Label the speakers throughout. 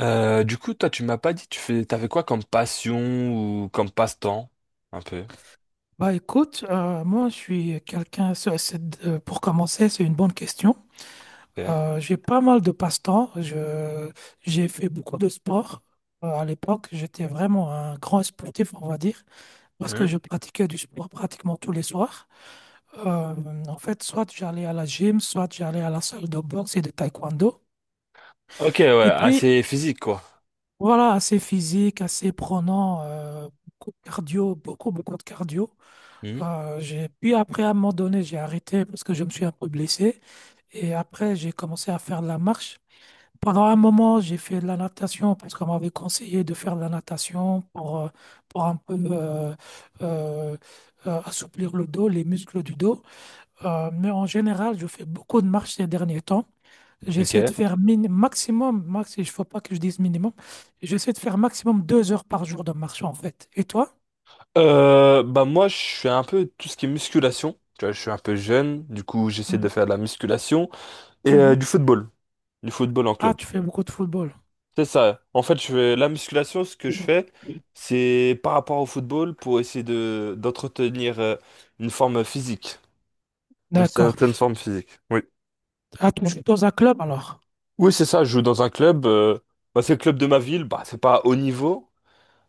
Speaker 1: Du coup, toi, tu m'as pas dit, t'avais quoi comme passion ou comme passe-temps, un peu.
Speaker 2: Bah écoute, moi je suis quelqu'un, pour commencer, c'est une bonne question.
Speaker 1: Ok.
Speaker 2: J'ai pas mal de passe-temps. J'ai fait beaucoup de sport. À l'époque, j'étais vraiment un grand sportif, on va dire, parce
Speaker 1: Hmm.
Speaker 2: que je pratiquais du sport pratiquement tous les soirs. Euh, En fait, soit j'allais à la gym, soit j'allais à la salle de boxe et de taekwondo.
Speaker 1: Ok, ouais,
Speaker 2: Et puis,
Speaker 1: assez physique, quoi.
Speaker 2: voilà, assez physique, assez prenant, beaucoup de cardio, beaucoup, beaucoup de cardio.
Speaker 1: Hmm.
Speaker 2: Puis après, à un moment donné, j'ai arrêté parce que je me suis un peu blessé. Et après, j'ai commencé à faire de la marche. Pendant un moment, j'ai fait de la natation parce qu'on m'avait conseillé de faire de la natation pour un peu euh, assouplir le dos, les muscles du dos. Mais en général, je fais beaucoup de marche ces derniers temps.
Speaker 1: Ok.
Speaker 2: J'essaie de faire min maximum, max, il ne faut pas que je dise minimum, j'essaie de faire maximum 2 heures par jour de marche en fait. Et toi?
Speaker 1: Bah moi, je fais un peu tout ce qui est musculation. Tu vois, je suis un peu jeune, du coup, j'essaie de
Speaker 2: Mhm,
Speaker 1: faire de la musculation et
Speaker 2: mhm.
Speaker 1: du football en
Speaker 2: Ah,
Speaker 1: club.
Speaker 2: tu fais beaucoup de football.
Speaker 1: C'est ça. En fait, je fais la musculation. Ce que je fais, c'est par rapport au football pour essayer de d'entretenir une forme physique, une
Speaker 2: D'accord.
Speaker 1: certaine forme physique. Oui.
Speaker 2: Ah, tu joues dans un club alors?
Speaker 1: Oui, c'est ça, je joue dans un club. Bah, c'est le club de ma ville, bah, c'est pas haut niveau,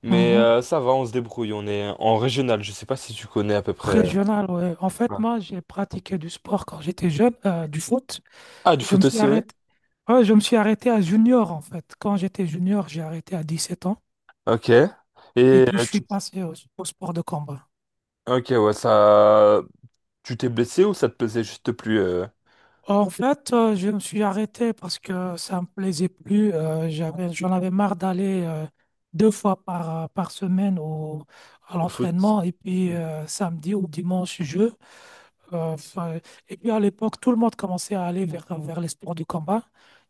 Speaker 1: mais
Speaker 2: Mhm.
Speaker 1: ça va, on se débrouille. On est en régional, je sais pas si tu connais à peu près.
Speaker 2: Régional, ouais. En fait,
Speaker 1: Ouais.
Speaker 2: moi, j'ai pratiqué du sport quand j'étais jeune, du foot.
Speaker 1: Ah, du
Speaker 2: Je me
Speaker 1: foot
Speaker 2: suis
Speaker 1: aussi, oui.
Speaker 2: arrêté. Ouais, je me suis arrêté à junior, en fait. Quand j'étais junior, j'ai arrêté à 17 ans.
Speaker 1: Ok.
Speaker 2: Et puis,
Speaker 1: Euh,
Speaker 2: je suis
Speaker 1: tu...
Speaker 2: passé au sport de combat.
Speaker 1: Ok, ouais, ça. Tu t'es blessé ou ça te plaisait juste plus
Speaker 2: En fait, je me suis arrêté parce que ça me plaisait plus. J'en avais marre d'aller deux fois par semaine à
Speaker 1: au foot?
Speaker 2: l'entraînement. Et puis, samedi ou dimanche, je. Enfin, et puis à l'époque, tout le monde commençait à aller vers les sports de combat.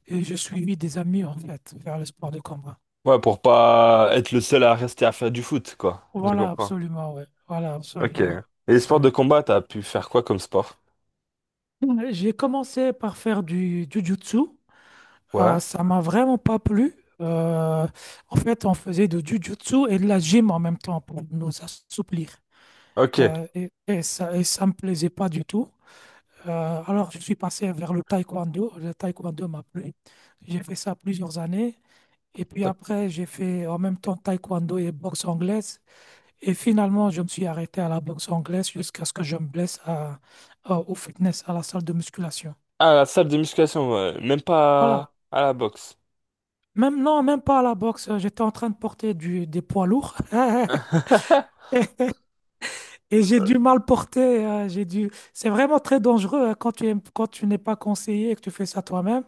Speaker 2: Et je suivis des amis, en fait, vers les sports de combat.
Speaker 1: Ouais, pour pas être le seul à rester à faire du foot, quoi. Je
Speaker 2: Voilà,
Speaker 1: comprends.
Speaker 2: absolument, ouais. Voilà,
Speaker 1: Ok. Et
Speaker 2: absolument.
Speaker 1: les sports de
Speaker 2: Absolument.
Speaker 1: combat, t'as pu faire quoi comme sport?
Speaker 2: J'ai commencé par faire du jiu-jitsu.
Speaker 1: Ouais.
Speaker 2: Ça m'a vraiment pas plu. Euh, En fait, on faisait du jiu-jitsu et de la gym en même temps pour nous assouplir.
Speaker 1: Ok.
Speaker 2: Et ça me plaisait pas du tout. Alors, je suis passé vers le taekwondo. Le taekwondo m'a plu. J'ai fait ça plusieurs années. Et puis
Speaker 1: T'as-
Speaker 2: après, j'ai fait en même temps taekwondo et boxe anglaise. Et finalement, je me suis arrêté à la boxe anglaise jusqu'à ce que je me blesse au fitness, à la salle de musculation.
Speaker 1: Ah, la salle de musculation, ouais. Même pas
Speaker 2: Voilà.
Speaker 1: à la boxe.
Speaker 2: Même non, même pas à la boxe. J'étais en train de porter des poids lourds. Et et j'ai du mal porter. J'ai dû... C'est vraiment très dangereux hein, quand quand tu n'es pas conseillé et que tu fais ça toi-même.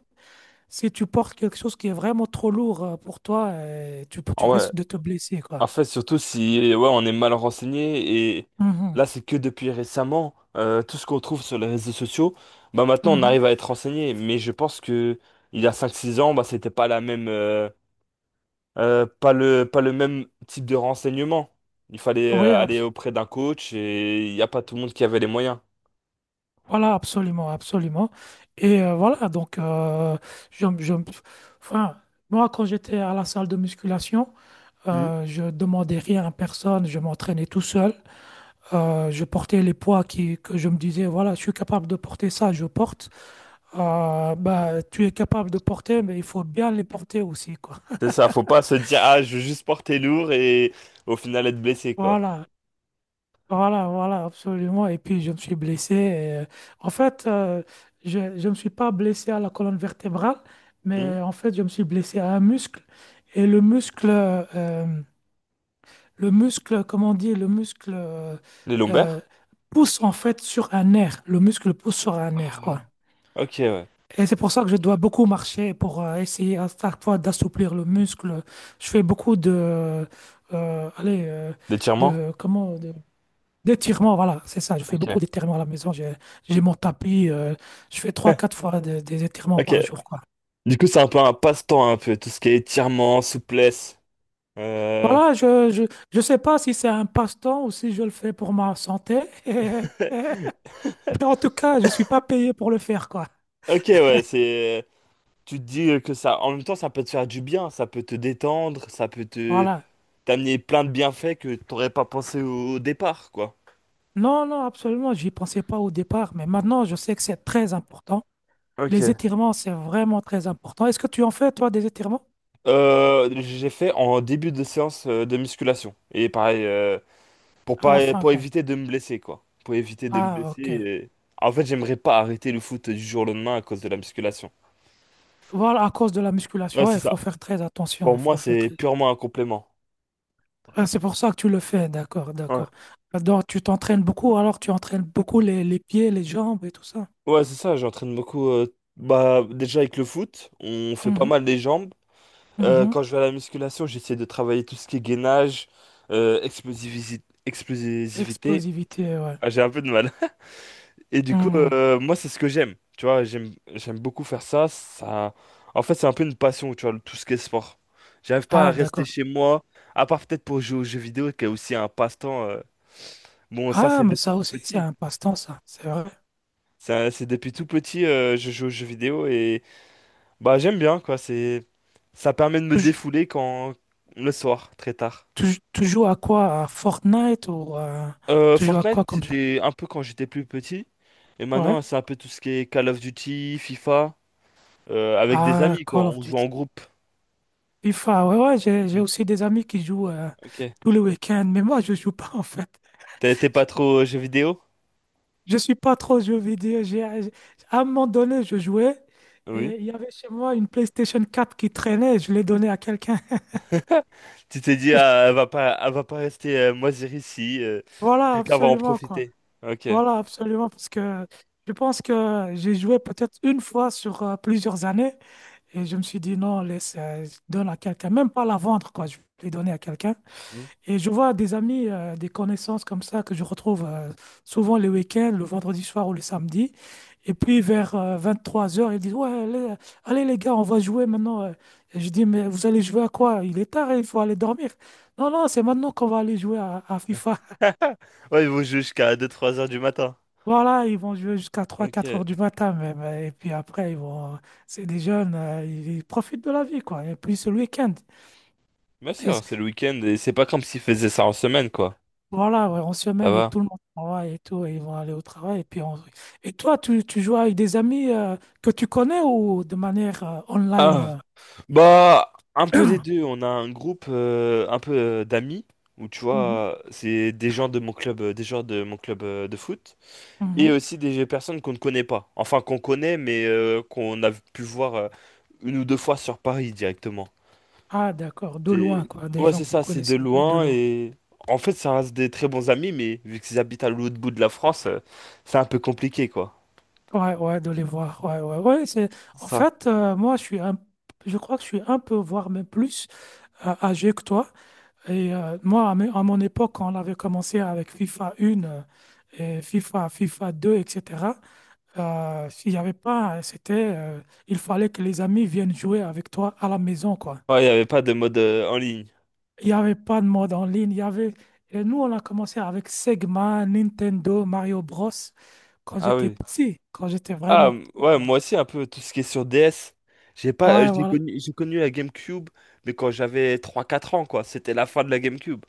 Speaker 2: Si tu portes quelque chose qui est vraiment trop lourd pour toi, tu
Speaker 1: Ah ouais,
Speaker 2: risques de te blesser, quoi.
Speaker 1: en fait, surtout si ouais, on est mal renseigné et
Speaker 2: Mhm,
Speaker 1: là, c'est que depuis récemment, tout ce qu'on trouve sur les réseaux sociaux, bah maintenant on
Speaker 2: mhm.
Speaker 1: arrive à être renseigné. Mais je pense que il y a cinq six ans, bah c'était pas la même, pas le même type de renseignement. Il fallait
Speaker 2: Oui,
Speaker 1: aller
Speaker 2: abs-
Speaker 1: auprès d'un coach et il n'y a pas tout le monde qui avait les moyens.
Speaker 2: Voilà, absolument, absolument. Et voilà, donc, je, je- enfin, moi, quand j'étais à la salle de musculation,
Speaker 1: Hmm.
Speaker 2: je demandais rien à personne, je m'entraînais tout seul. Je portais les poids que je me disais, voilà, je suis capable de porter ça, je porte. Bah, tu es capable de porter, mais il faut bien les porter aussi, quoi.
Speaker 1: C'est ça, faut pas se dire, ah, je veux juste porter lourd et au final être blessé, quoi.
Speaker 2: Voilà. Voilà, voilà, absolument. Et puis, je me suis blessé. Et, en fait, je ne me suis pas blessé à la colonne vertébrale,
Speaker 1: Hmm.
Speaker 2: mais en fait, je me suis blessé à un muscle. Et le muscle, comment on dit, le muscle
Speaker 1: Les
Speaker 2: euh,
Speaker 1: lombaires?
Speaker 2: pousse en fait sur un nerf. Le muscle pousse sur un nerf,
Speaker 1: Ah,
Speaker 2: quoi.
Speaker 1: Ok, ouais.
Speaker 2: Et c'est pour ça que je dois beaucoup marcher pour essayer à chaque fois d'assouplir le muscle. Je fais beaucoup de, allez,
Speaker 1: L'étirement?
Speaker 2: de comment, de, d'étirement, voilà, c'est ça. Je fais beaucoup
Speaker 1: Ok.
Speaker 2: d'étirements à la maison. J'ai mon tapis. Je fais trois, quatre fois des étirements
Speaker 1: Ok.
Speaker 2: par jour, quoi.
Speaker 1: Du coup, c'est un peu un passe-temps, un peu, tout ce qui est étirement, souplesse. Euh...
Speaker 2: Voilà, je sais pas si c'est un passe-temps ou si je le fais pour ma santé. Mais en tout cas, je suis pas payé pour le faire, quoi.
Speaker 1: Ok, ouais, c'est. Tu te dis que ça. En même temps, ça peut te faire du bien, ça peut te détendre, ça peut te
Speaker 2: Voilà.
Speaker 1: t'amener plein de bienfaits que t'aurais pas pensé au départ, quoi.
Speaker 2: Non, non, absolument. J'y pensais pas au départ, mais maintenant, je sais que c'est très important. Les
Speaker 1: Ok.
Speaker 2: étirements, c'est vraiment très important. Est-ce que tu en fais, toi, des étirements?
Speaker 1: J'ai fait en début de séance de musculation. Et pareil, pour
Speaker 2: À la
Speaker 1: pas,
Speaker 2: fin,
Speaker 1: pour
Speaker 2: quoi.
Speaker 1: éviter de me blesser, quoi. Pour éviter de me
Speaker 2: Ah,
Speaker 1: blesser.
Speaker 2: ok.
Speaker 1: En fait, j'aimerais pas arrêter le foot du jour au lendemain à cause de la musculation.
Speaker 2: Voilà, à cause de la
Speaker 1: Ouais,
Speaker 2: musculation, ouais,
Speaker 1: c'est
Speaker 2: il
Speaker 1: ça.
Speaker 2: faut faire très attention.
Speaker 1: Pour
Speaker 2: Il
Speaker 1: moi,
Speaker 2: faut faire
Speaker 1: c'est
Speaker 2: très.
Speaker 1: purement un complément.
Speaker 2: Ah, c'est pour ça que tu le fais, d'accord,
Speaker 1: Ouais.
Speaker 2: d'accord. Alors, tu t'entraînes beaucoup, alors tu entraînes beaucoup les pieds, les jambes et tout ça.
Speaker 1: Ouais, c'est ça, j'entraîne beaucoup. Bah, déjà avec le foot, on fait pas
Speaker 2: Mhm,
Speaker 1: mal les jambes.
Speaker 2: mhm.
Speaker 1: Quand je vais à la musculation, j'essaie de travailler tout ce qui est gainage, explosivité.
Speaker 2: Explosivité, ouais.
Speaker 1: Ah, j'ai un peu de mal. Et du coup,
Speaker 2: Mhm.
Speaker 1: moi, c'est ce que j'aime. Tu vois, j'aime beaucoup faire ça. Ça, en fait, c'est un peu une passion, tu vois, tout ce qui est sport. J'arrive pas à
Speaker 2: Ah,
Speaker 1: rester
Speaker 2: d'accord.
Speaker 1: chez moi, à part peut-être pour jouer aux jeux vidéo, qui est aussi un passe-temps. Bon, ça,
Speaker 2: Ah,
Speaker 1: c'est
Speaker 2: mais
Speaker 1: depuis
Speaker 2: ça
Speaker 1: tout
Speaker 2: aussi, c'est
Speaker 1: petit.
Speaker 2: un passe-temps, ça, c'est vrai.
Speaker 1: Ça, c'est depuis tout petit, je joue aux jeux vidéo. Bah j'aime bien quoi, c'est ça permet de me
Speaker 2: Tu, jou-
Speaker 1: défouler quand le soir, très tard.
Speaker 2: tu joues à quoi? À Fortnite ou à... Tu joues à
Speaker 1: Fortnite,
Speaker 2: quoi comme jeu?
Speaker 1: c'était un peu quand j'étais plus petit et
Speaker 2: Ouais.
Speaker 1: maintenant c'est un peu tout ce qui est Call of Duty, FIFA avec des
Speaker 2: Ah,
Speaker 1: amis quoi,
Speaker 2: Call of
Speaker 1: on joue
Speaker 2: Duty.
Speaker 1: en groupe.
Speaker 2: FIFA, ouais, ouais, j'ai
Speaker 1: Oui.
Speaker 2: aussi des amis qui jouent
Speaker 1: OK.
Speaker 2: tous les week-ends, mais moi, je joue pas, en fait.
Speaker 1: T'es pas trop jeux vidéo?
Speaker 2: Je suis pas trop jeux vidéo. À un moment donné, je jouais
Speaker 1: Oui.
Speaker 2: et il y avait chez moi une PlayStation 4 qui traînait. Je l'ai donnée à quelqu'un.
Speaker 1: Tu t'es dit ah, elle va pas rester moisir ici,
Speaker 2: Voilà,
Speaker 1: quelqu'un va en
Speaker 2: absolument, quoi.
Speaker 1: profiter. OK.
Speaker 2: Voilà, absolument, parce que je pense que j'ai joué peut-être une fois sur plusieurs années et je me suis dit non, laisse, je donne à quelqu'un, même pas la vendre, quoi. Je vais donner à quelqu'un.
Speaker 1: Hmm.
Speaker 2: Et je vois des amis, des connaissances comme ça que je retrouve souvent les week-ends, le vendredi soir ou le samedi. Et puis vers 23 heures ils disent, ouais, allez, allez, les gars, on va jouer maintenant. Et je dis, mais vous allez jouer à quoi? Il est tard, hein, il faut aller dormir. Non, non, c'est maintenant qu'on va aller jouer à FIFA.
Speaker 1: Ouais, ils vont jouer jusqu'à deux trois heures du matin.
Speaker 2: Voilà, ils vont jouer jusqu'à trois quatre
Speaker 1: Ok.
Speaker 2: heures du matin même. Et puis après, ils vont... C'est des jeunes, ils profitent de la vie, quoi. Et puis c'est le week-end.
Speaker 1: Bien sûr, c'est le week-end et c'est pas comme s'ils faisaient ça en semaine, quoi.
Speaker 2: Voilà, ouais, on se
Speaker 1: Ça
Speaker 2: semaine et
Speaker 1: va.
Speaker 2: tout le monde travaille et tout, et ils vont aller au travail. Et puis on- Et toi, tu joues avec des amis que tu connais ou de manière online
Speaker 1: Ah.
Speaker 2: euh
Speaker 1: Bah, un peu des deux. On a un groupe un peu d'amis où tu
Speaker 2: Mhm.
Speaker 1: vois, c'est des gens de mon club, des gens de mon club de foot et
Speaker 2: Mhm.
Speaker 1: aussi des personnes qu'on ne connaît pas. Enfin, qu'on connaît, mais qu'on a pu voir une ou deux fois sur Paris directement.
Speaker 2: Ah, d'accord, de loin,
Speaker 1: C'est
Speaker 2: quoi, des
Speaker 1: ouais,
Speaker 2: gens
Speaker 1: c'est
Speaker 2: que vous
Speaker 1: ça. C'est de
Speaker 2: connaissez un peu de
Speaker 1: loin
Speaker 2: loin.
Speaker 1: et en fait, ça reste des très bons amis, mais vu qu'ils habitent à l'autre bout de la France, c'est un peu compliqué quoi.
Speaker 2: Ouais, ouais, de les voir. Ouais, ouais, ouais. C'est... En
Speaker 1: Ça.
Speaker 2: fait, moi, je suis un... Je crois que je suis un peu, voire même plus âgé que toi. Et moi, à mon époque, quand on avait commencé avec FIFA 1 et FIFA 2, etc. S'il n'y avait pas, il fallait que les amis viennent jouer avec toi à la maison, quoi.
Speaker 1: Ouais, il n'y avait pas de mode en ligne.
Speaker 2: Il n'y avait pas de mode en ligne. Il y avait... Et nous, on a commencé avec Sega, Nintendo, Mario Bros. Quand
Speaker 1: Ah
Speaker 2: j'étais
Speaker 1: oui.
Speaker 2: petit, quand j'étais
Speaker 1: Ah,
Speaker 2: vraiment petit,
Speaker 1: ouais,
Speaker 2: quoi.
Speaker 1: moi aussi, un peu tout ce qui est sur DS. J'ai pas,
Speaker 2: Ouais, voilà.
Speaker 1: j'ai connu la GameCube, mais quand j'avais trois quatre ans, quoi. C'était la fin de la GameCube.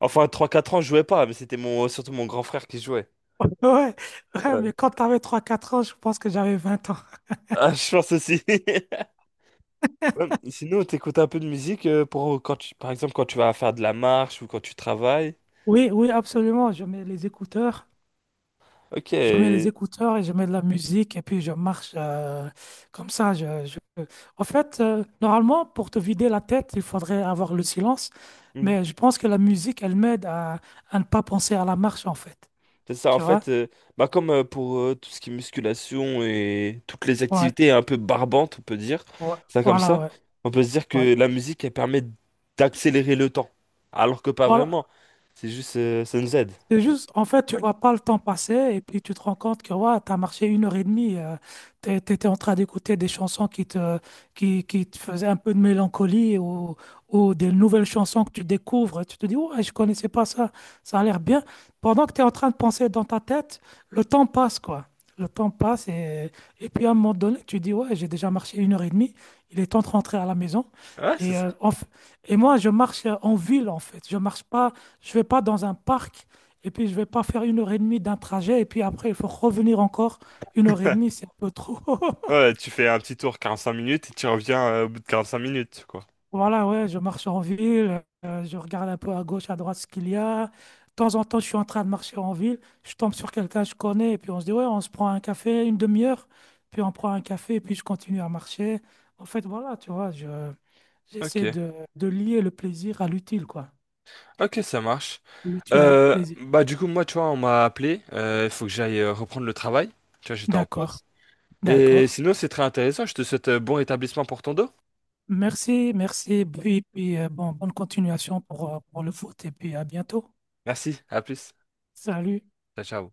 Speaker 1: Enfin, trois quatre ans, je jouais pas, mais c'était mon, surtout mon grand frère qui jouait.
Speaker 2: Ouais, ouais,
Speaker 1: Ouais.
Speaker 2: mais quand tu avais 3-4 ans, je pense que j'avais 20 ans.
Speaker 1: Ah, je pense aussi. Ouais, sinon, t'écoutes un peu de musique pour quand tu, par exemple, quand tu vas faire de la marche ou quand tu travailles.
Speaker 2: Oui, oui, absolument. Je mets les écouteurs.
Speaker 1: Ok.
Speaker 2: Je mets les écouteurs et je mets de la musique et puis je marche comme ça. En fait, normalement, pour te vider la tête, il faudrait avoir le silence. Mais je pense que la musique, elle m'aide à ne pas penser à la marche, en fait.
Speaker 1: C'est ça, en
Speaker 2: Tu vois?
Speaker 1: fait, bah comme pour tout ce qui est musculation et toutes les
Speaker 2: Ouais,
Speaker 1: activités un peu barbantes, on peut dire,
Speaker 2: ouais,
Speaker 1: ça comme
Speaker 2: voilà,
Speaker 1: ça,
Speaker 2: ouais,
Speaker 1: on peut se dire
Speaker 2: ouais.
Speaker 1: que la musique, elle permet d'accélérer le temps. Alors que pas
Speaker 2: Voilà,
Speaker 1: vraiment, c'est juste, ça nous aide.
Speaker 2: c'est juste, en fait, tu vois pas le temps passer et puis tu te rends compte que ouais, tu as marché une heure et demie, tu étais en train d'écouter des chansons qui te faisaient un peu de mélancolie ou des nouvelles chansons que tu découvres. Tu te dis, ouais, je connaissais pas ça, ça a l'air bien. Pendant que tu es en train de penser dans ta tête, le temps passe, quoi. Le temps passe et puis à un moment donné, tu dis, ouais, j'ai déjà marché une heure et demie, il est temps de rentrer à la maison.
Speaker 1: Ouais, c'est
Speaker 2: Et,
Speaker 1: ça.
Speaker 2: euh, en f- et moi, je marche en ville, en fait. Je marche pas, je vais pas dans un parc. Et puis, je vais pas faire une heure et demie d'un trajet. Et puis après, il faut revenir encore. Une heure et demie, c'est un peu trop.
Speaker 1: Ouais, tu fais un petit tour 45 minutes et tu reviens au bout de 45 minutes, quoi.
Speaker 2: Voilà, ouais, je marche en ville. Je regarde un peu à gauche, à droite ce qu'il y a. De temps en temps, je suis en train de marcher en ville. Je tombe sur quelqu'un que je connais. Et puis, on se dit, ouais, on se prend un café, une demi-heure. Puis, on prend un café. Et puis, je continue à marcher. En fait, voilà, tu vois,
Speaker 1: Ok,
Speaker 2: j'essaie de lier le plaisir à l'utile, quoi.
Speaker 1: ok, ça marche.
Speaker 2: L'utile au
Speaker 1: Euh,
Speaker 2: plaisir.
Speaker 1: bah du coup, moi, tu vois, on m'a appelé, il faut que j'aille reprendre le travail. Tu vois, j'étais en
Speaker 2: D'accord,
Speaker 1: pause. Et
Speaker 2: d'accord.
Speaker 1: sinon, c'est très intéressant, je te souhaite bon rétablissement pour ton dos.
Speaker 2: Merci, merci. Puis bonne continuation pour le foot et puis à bientôt.
Speaker 1: Merci, à plus.
Speaker 2: Salut.
Speaker 1: Ciao, ciao.